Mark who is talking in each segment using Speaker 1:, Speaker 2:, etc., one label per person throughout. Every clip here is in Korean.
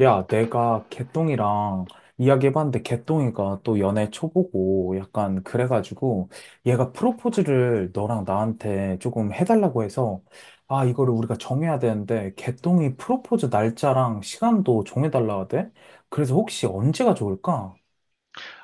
Speaker 1: 야, 내가 개똥이랑 이야기해봤는데 개똥이가 또 연애 초보고 약간 그래가지고 얘가 프로포즈를 너랑 나한테 조금 해달라고 해서 이거를 우리가 정해야 되는데 개똥이 프로포즈 날짜랑 시간도 정해달라 하대? 그래서 혹시 언제가 좋을까?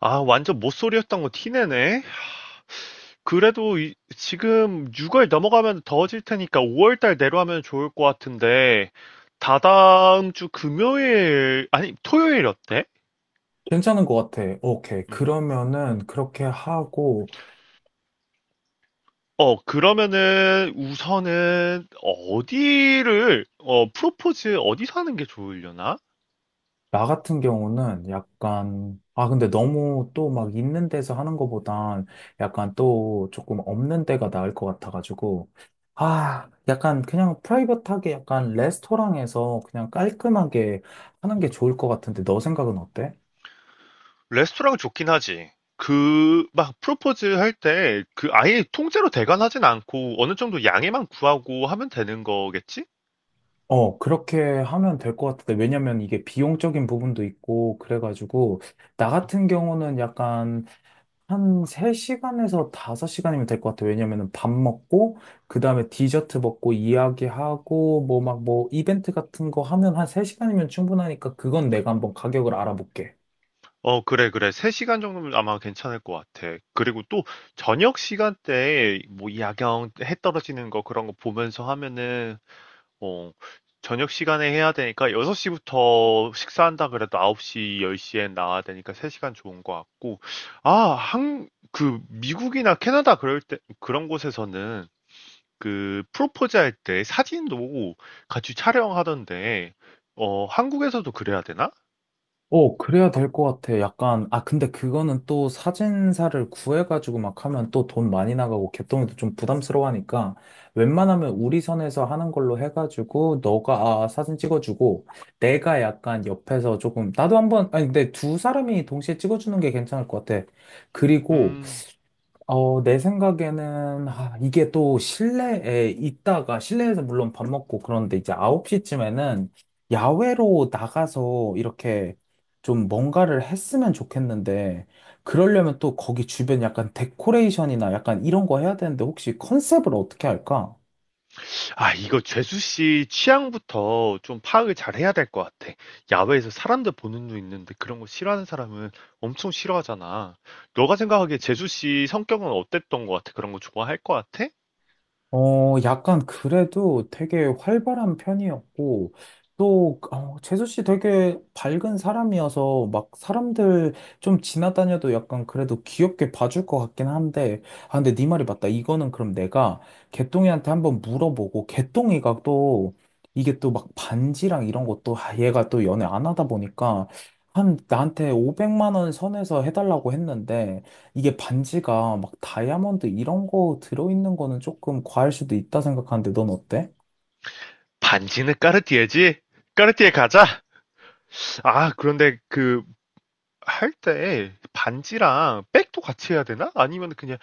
Speaker 2: 아, 완전 못소리였던거 티내네. 그래도 지금 6월 넘어가면 더워질 테니까 5월 달 내로 하면 좋을 것 같은데, 다다음 주 금요일, 아니, 토요일 어때?
Speaker 1: 괜찮은 것 같아. 오케이.
Speaker 2: 음.
Speaker 1: 그러면은 그렇게 하고
Speaker 2: 그러면은 우선은 어디를, 프로포즈 어디서 하는 게 좋으려나?
Speaker 1: 나 같은 경우는 약간, 근데 너무 또 막 있는 데서 하는 것보단 약간 또 조금 없는 데가 나을 것 같아가지고, 약간 그냥 프라이빗하게 약간 레스토랑에서 그냥 깔끔하게 하는 게 좋을 것 같은데, 너 생각은 어때?
Speaker 2: 레스토랑 좋긴 하지. 그, 막, 프로포즈 할 때, 그, 아예 통째로 대관하진 않고, 어느 정도 양해만 구하고 하면 되는 거겠지?
Speaker 1: 그렇게 하면 될 것 같은데, 왜냐면 이게 비용적인 부분도 있고, 그래가지고, 나 같은 경우는 약간 한 3시간에서 5시간이면 될 것 같아요. 왜냐면은 밥 먹고, 그 다음에 디저트 먹고, 이야기하고, 뭐 막 뭐 이벤트 같은 거 하면 한 3시간이면 충분하니까 그건 내가 한번 가격을 알아볼게.
Speaker 2: 어 그래, 그래. 3 시간 정도면 아마 괜찮을 것 같아. 그리고 또 저녁 시간대에 뭐 야경 해 떨어지는 거 그런 거 보면서 하면은 어 저녁 시간에 해야 되니까 6 시부터 식사한다 그래도 9 시, 10 시에 나와야 되니까 3 시간 좋은 것 같고. 아, 한 그 미국이나 캐나다 그럴 때 그런 곳에서는 그 프로포즈 할 때 사진도 같이 촬영하던데. 한국에서도 그래야 되나?
Speaker 1: 그래야 될 것 같아. 약간, 근데 그거는 또 사진사를 구해가지고 막 하면 또 돈 많이 나가고 개똥이도 좀 부담스러워 하니까
Speaker 2: 음.
Speaker 1: 웬만하면 우리 선에서 하는 걸로 해가지고 너가 사진 찍어주고 내가 약간 옆에서 조금, 나도 한번, 아니, 근데 두 사람이 동시에 찍어주는 게 괜찮을 것 같아. 그리고
Speaker 2: 음.
Speaker 1: 내 생각에는, 이게 또 실내에 있다가, 실내에서 물론 밥 먹고 그런데 이제 9시쯤에는 야외로 나가서 이렇게 좀 뭔가를 했으면 좋겠는데, 그러려면 또 거기 주변 약간 데코레이션이나 약간 이런 거 해야 되는데, 혹시 컨셉을 어떻게 할까?
Speaker 2: 아 이거 죄수 씨 취향부터 좀 파악을 잘해야 될 것 같아. 야외에서 사람들 보는 눈 있는데 그런 거 싫어하는 사람은 엄청 싫어하잖아. 너가 생각하기에 죄수 씨 성격은 어땠던 것 같아? 그런 거 좋아할 것 같아?
Speaker 1: 약간 그래도 되게 활발한 편이었고, 또, 재수 씨 되게 밝은 사람이어서 막 사람들 좀 지나다녀도 약간 그래도 귀엽게 봐줄 것 같긴 한데, 근데 네 말이 맞다. 이거는 그럼 내가 개똥이한테 한번 물어보고, 개똥이가 또 이게 또 막 반지랑 이런 것도, 얘가 또 연애 안 하다 보니까 한 나한테 500만 원 선에서 해달라고 했는데, 이게 반지가 막 다이아몬드 이런 거 들어있는 거는 조금 과할 수도 있다 생각하는데 넌 어때?
Speaker 2: 반지는 까르띠에지? 까르띠에 가자. 아 그런데 그 할 때 반지랑 백도 같이 해야 되나? 아니면 그냥,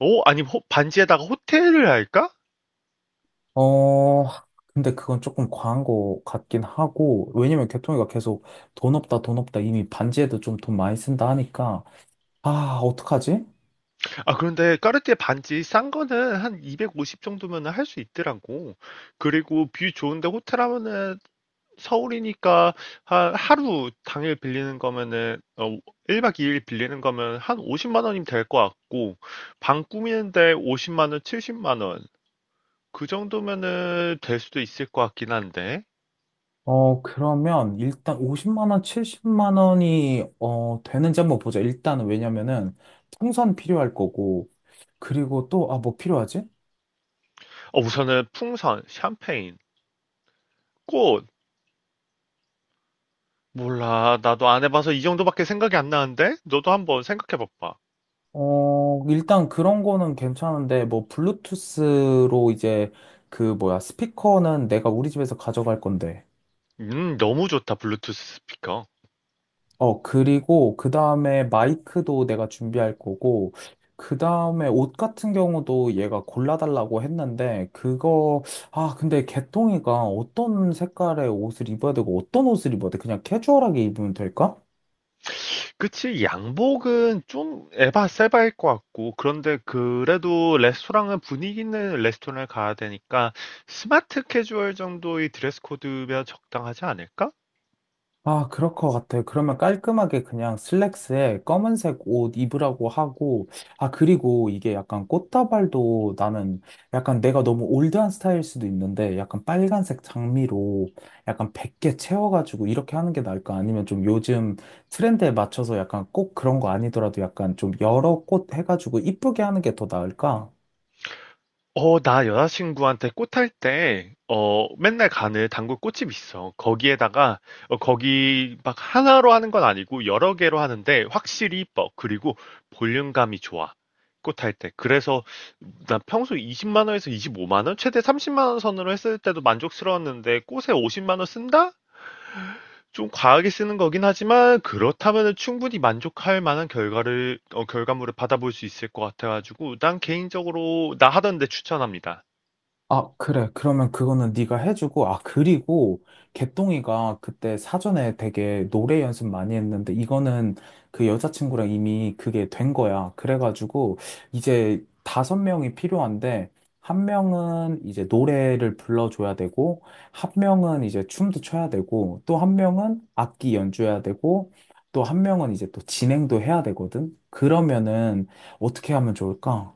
Speaker 2: 아니면 반지에다가 호텔을 할까?
Speaker 1: 어, 근데 그건 조금 과한 거 같긴 하고, 왜냐면 개통이가 계속 돈 없다, 돈 없다, 이미 반지에도 좀 돈 많이 쓴다 하니까, 어떡하지?
Speaker 2: 아 그런데 까르띠에 반지 싼 거는 한 250 정도면 할 수 있더라고. 그리고 뷰 좋은데 호텔 하면은 서울이니까 한 하루 당일 빌리는 거면은 1박 2일 빌리는 거면 한 50만 원이면 될 것 같고 방 꾸미는데 50만 원, 70만 원. 그 정도면은 될 수도 있을 것 같긴 한데.
Speaker 1: 그러면 일단 50만 원, 70만 원이, 되는지 한번 보자. 일단은 왜냐면은 통선 필요할 거고, 그리고 또, 뭐 필요하지?
Speaker 2: 우선은 풍선, 샴페인, 꽃 몰라. 나도 안 해봐서 이 정도밖에 생각이 안 나는데? 너도 한번 생각해 봐봐.
Speaker 1: 일단 그런 거는 괜찮은데, 뭐, 블루투스로 이제, 그, 뭐야, 스피커는 내가 우리 집에서 가져갈 건데.
Speaker 2: 너무 좋다, 블루투스 스피커.
Speaker 1: 그리고, 그 다음에 마이크도 내가 준비할 거고, 그 다음에 옷 같은 경우도 얘가 골라달라고 했는데, 그거, 근데 개똥이가 어떤 색깔의 옷을 입어야 되고, 어떤 옷을 입어야 돼? 그냥 캐주얼하게 입으면 될까?
Speaker 2: 그치, 양복은 좀 에바 세바일 것 같고, 그런데 그래도 레스토랑은 분위기 있는 레스토랑을 가야 되니까, 스마트 캐주얼 정도의 드레스 코드면 적당하지 않을까?
Speaker 1: 그럴 것 같아요. 그러면 깔끔하게 그냥 슬랙스에 검은색 옷 입으라고 하고, 그리고 이게 약간 꽃다발도 나는 약간 내가 너무 올드한 스타일 수도 있는데, 약간 빨간색 장미로 약간 100개 채워가지고 이렇게 하는 게 나을까? 아니면 좀 요즘 트렌드에 맞춰서 약간 꼭 그런 거 아니더라도 약간 좀 여러 꽃 해가지고 이쁘게 하는 게 더 나을까?
Speaker 2: 나 여자친구한테 꽃할 때, 맨날 가는 단골 꽃집 있어. 거기에다가, 거기 막 하나로 하는 건 아니고 여러 개로 하는데 확실히 이뻐. 그리고 볼륨감이 좋아. 꽃할 때. 그래서 나 평소 20만 원에서 25만 원, 최대 30만 원 선으로 했을 때도 만족스러웠는데 꽃에 50만 원 쓴다? 좀 과하게 쓰는 거긴 하지만 그렇다면 충분히 만족할 만한 결과를, 결과물을 받아볼 수 있을 것 같아가지고 난 개인적으로 나 하던데 추천합니다.
Speaker 1: 그래. 그러면 그거는 네가 해주고, 그리고 개똥이가 그때 사전에 되게 노래 연습 많이 했는데, 이거는 그 여자친구랑 이미 그게 된 거야. 그래가지고, 이제 다섯 명이 필요한데, 한 명은 이제 노래를 불러줘야 되고, 한 명은 이제 춤도 춰야 되고, 또 한 명은 악기 연주해야 되고, 또 한 명은 이제 또 진행도 해야 되거든? 그러면은 어떻게 하면 좋을까?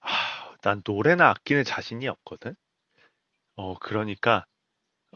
Speaker 2: 하, 난 노래나 악기는 자신이 없거든. 그러니까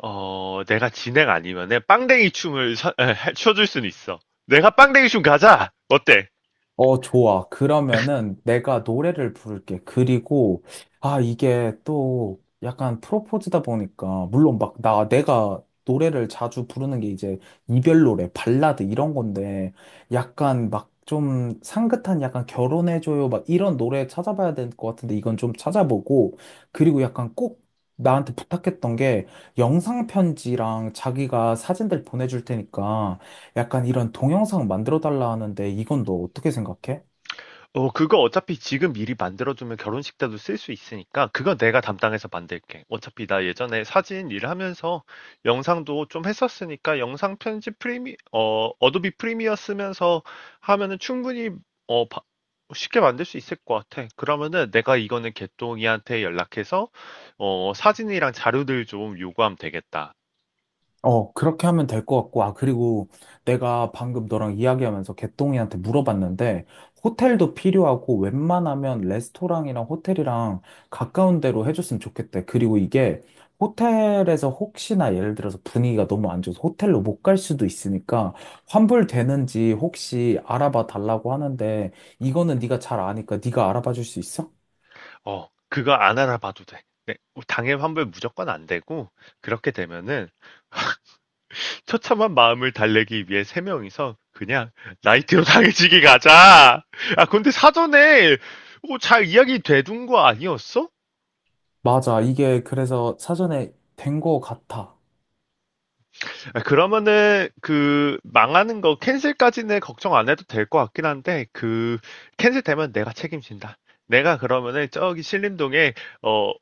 Speaker 2: 내가 진행 아니면은 빵댕이 춤을 춰줄 수는 있어. 내가 빵댕이 춤 가자. 어때?
Speaker 1: 좋아. 그러면은 내가 노래를 부를게. 그리고, 이게 또 약간 프로포즈다 보니까, 물론 막 내가 노래를 자주 부르는 게 이제 이별 노래, 발라드 이런 건데, 약간 막 좀 상긋한 약간 결혼해줘요. 막 이런 노래 찾아봐야 될 것 같은데, 이건 좀 찾아보고, 그리고 약간 꼭 나한테 부탁했던 게 영상 편지랑 자기가 사진들 보내줄 테니까, 약간 이런 동영상 만들어 달라 하는데 이건 너 어떻게 생각해?
Speaker 2: 어, 그거 어차피 지금 미리 만들어두면 결혼식 때도 쓸 수 있으니까, 그건 내가 담당해서 만들게. 어차피 나 예전에 사진 일을 하면서 영상도 좀 했었으니까, 영상 편집 어도비 프리미어 쓰면서 하면은 충분히, 어, 바- 쉽게 만들 수 있을 것 같아. 그러면은 내가 이거는 개똥이한테 연락해서, 사진이랑 자료들 좀 요구하면 되겠다.
Speaker 1: 그렇게 하면 될 것 같고, 그리고 내가 방금 너랑 이야기하면서 개똥이한테 물어봤는데, 호텔도 필요하고, 웬만하면 레스토랑이랑 호텔이랑 가까운 데로 해줬으면 좋겠대. 그리고 이게 호텔에서 혹시나 예를 들어서 분위기가 너무 안 좋아서 호텔로 못 갈 수도 있으니까, 환불되는지 혹시 알아봐 달라고 하는데, 이거는 네가 잘 아니까 네가 알아봐 줄 수 있어?
Speaker 2: 어, 그거 안 알아봐도 돼. 네, 당일 환불 무조건 안 되고, 그렇게 되면은, 처참한 마음을 달래기 위해 3명이서 그냥 나이트로 당해지기 가자. 아 근데 사전에 뭐 잘 이야기 돼둔 거 아니었어?
Speaker 1: 맞아. 이게 그래서 사전에 된 거 같아.
Speaker 2: 아, 그러면은 그 망하는 거 캔슬까지는 걱정 안 해도 될 것 같긴 한데 그 캔슬 되면 내가 책임진다. 내가 그러면은 저기 신림동에 어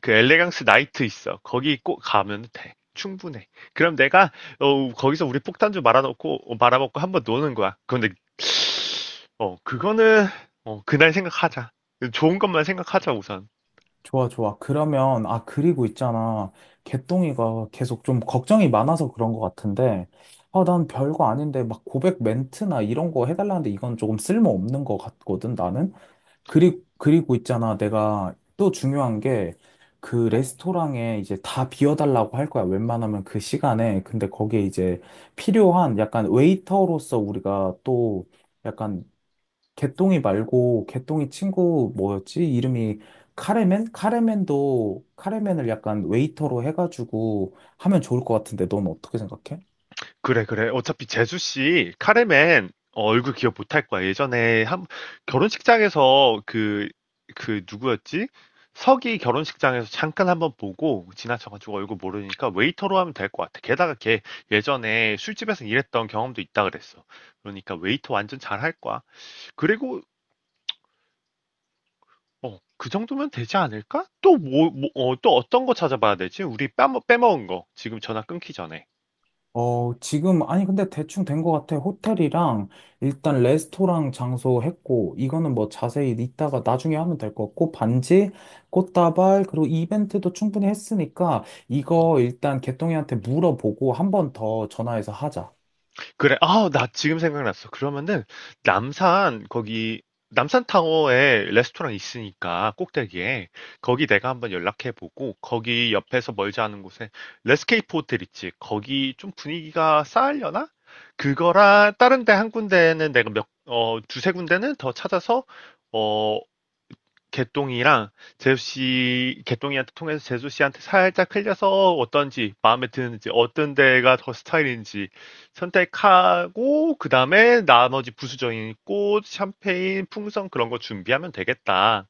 Speaker 2: 그 엘레강스 나이트 있어. 거기 꼭 가면 돼. 충분해. 그럼 내가 거기서 우리 폭탄 좀 말아놓고 말아먹고 한번 노는 거야. 근데 그거는, 그날 생각하자. 좋은 것만 생각하자, 우선.
Speaker 1: 좋아, 좋아. 그러면, 그리고 있잖아. 개똥이가 계속 좀 걱정이 많아서 그런 거 같은데, 난 별거 아닌데, 막 고백 멘트나 이런 거 해달라는데 이건 조금 쓸모없는 거 같거든, 나는. 그리고 있잖아.
Speaker 2: 음.
Speaker 1: 내가 또 중요한 게, 그 레스토랑에 이제 다 비워달라고 할 거야. 웬만하면 그 시간에. 근데 거기에 이제 필요한 약간 웨이터로서 우리가 또 약간 개똥이 말고 개똥이 친구 뭐였지? 이름이 카레맨? 카레맨도 카레맨을 약간 웨이터로 해가지고 하면 좋을 것 같은데 넌 어떻게 생각해?
Speaker 2: 그래, 그래. 어차피 재수 씨, 카레맨, 얼굴 기억 못할 거야. 예전에 한, 결혼식장에서 그, 누구였지? 석이 결혼식장에서 잠깐 한번 보고 지나쳐가지고 얼굴 모르니까 웨이터로 하면 될 것 같아. 게다가 걔 예전에 술집에서 일했던 경험도 있다 그랬어. 그러니까 웨이터 완전 잘할 거야. 그리고 그 정도면 되지 않을까? 또 뭐, 뭐, 또 어떤 거 찾아봐야 되지? 우리 빼먹은 거. 지금 전화 끊기 전에.
Speaker 1: 지금 아니 근데 대충 된 것 같아. 호텔이랑 일단 레스토랑 장소 했고 이거는 뭐 자세히 이따가 나중에 하면 될 것 같고 반지, 꽃다발 그리고 이벤트도 충분히 했으니까 이거 일단 개똥이한테 물어보고 한 번 더 전화해서 하자.
Speaker 2: 그래, 아, 나 지금 생각났어. 그러면은, 남산, 거기, 남산타워에 레스토랑 있으니까, 꼭대기에. 거기 내가 한번 연락해보고, 거기 옆에서 멀지 않은 곳에, 레스케이프 호텔 있지? 거기 좀 분위기가 쌓으려나? 그거랑, 다른 데 한 군데는 내가 두세 군데는 더 찾아서, 어, 개똥이랑 재수 씨, 개똥이한테 통해서 재수 씨한테 살짝 흘려서 어떤지, 마음에 드는지, 어떤 데가 더 스타일인지 선택하고, 그 다음에 나머지 부수적인 꽃, 샴페인, 풍선 그런 거 준비하면 되겠다.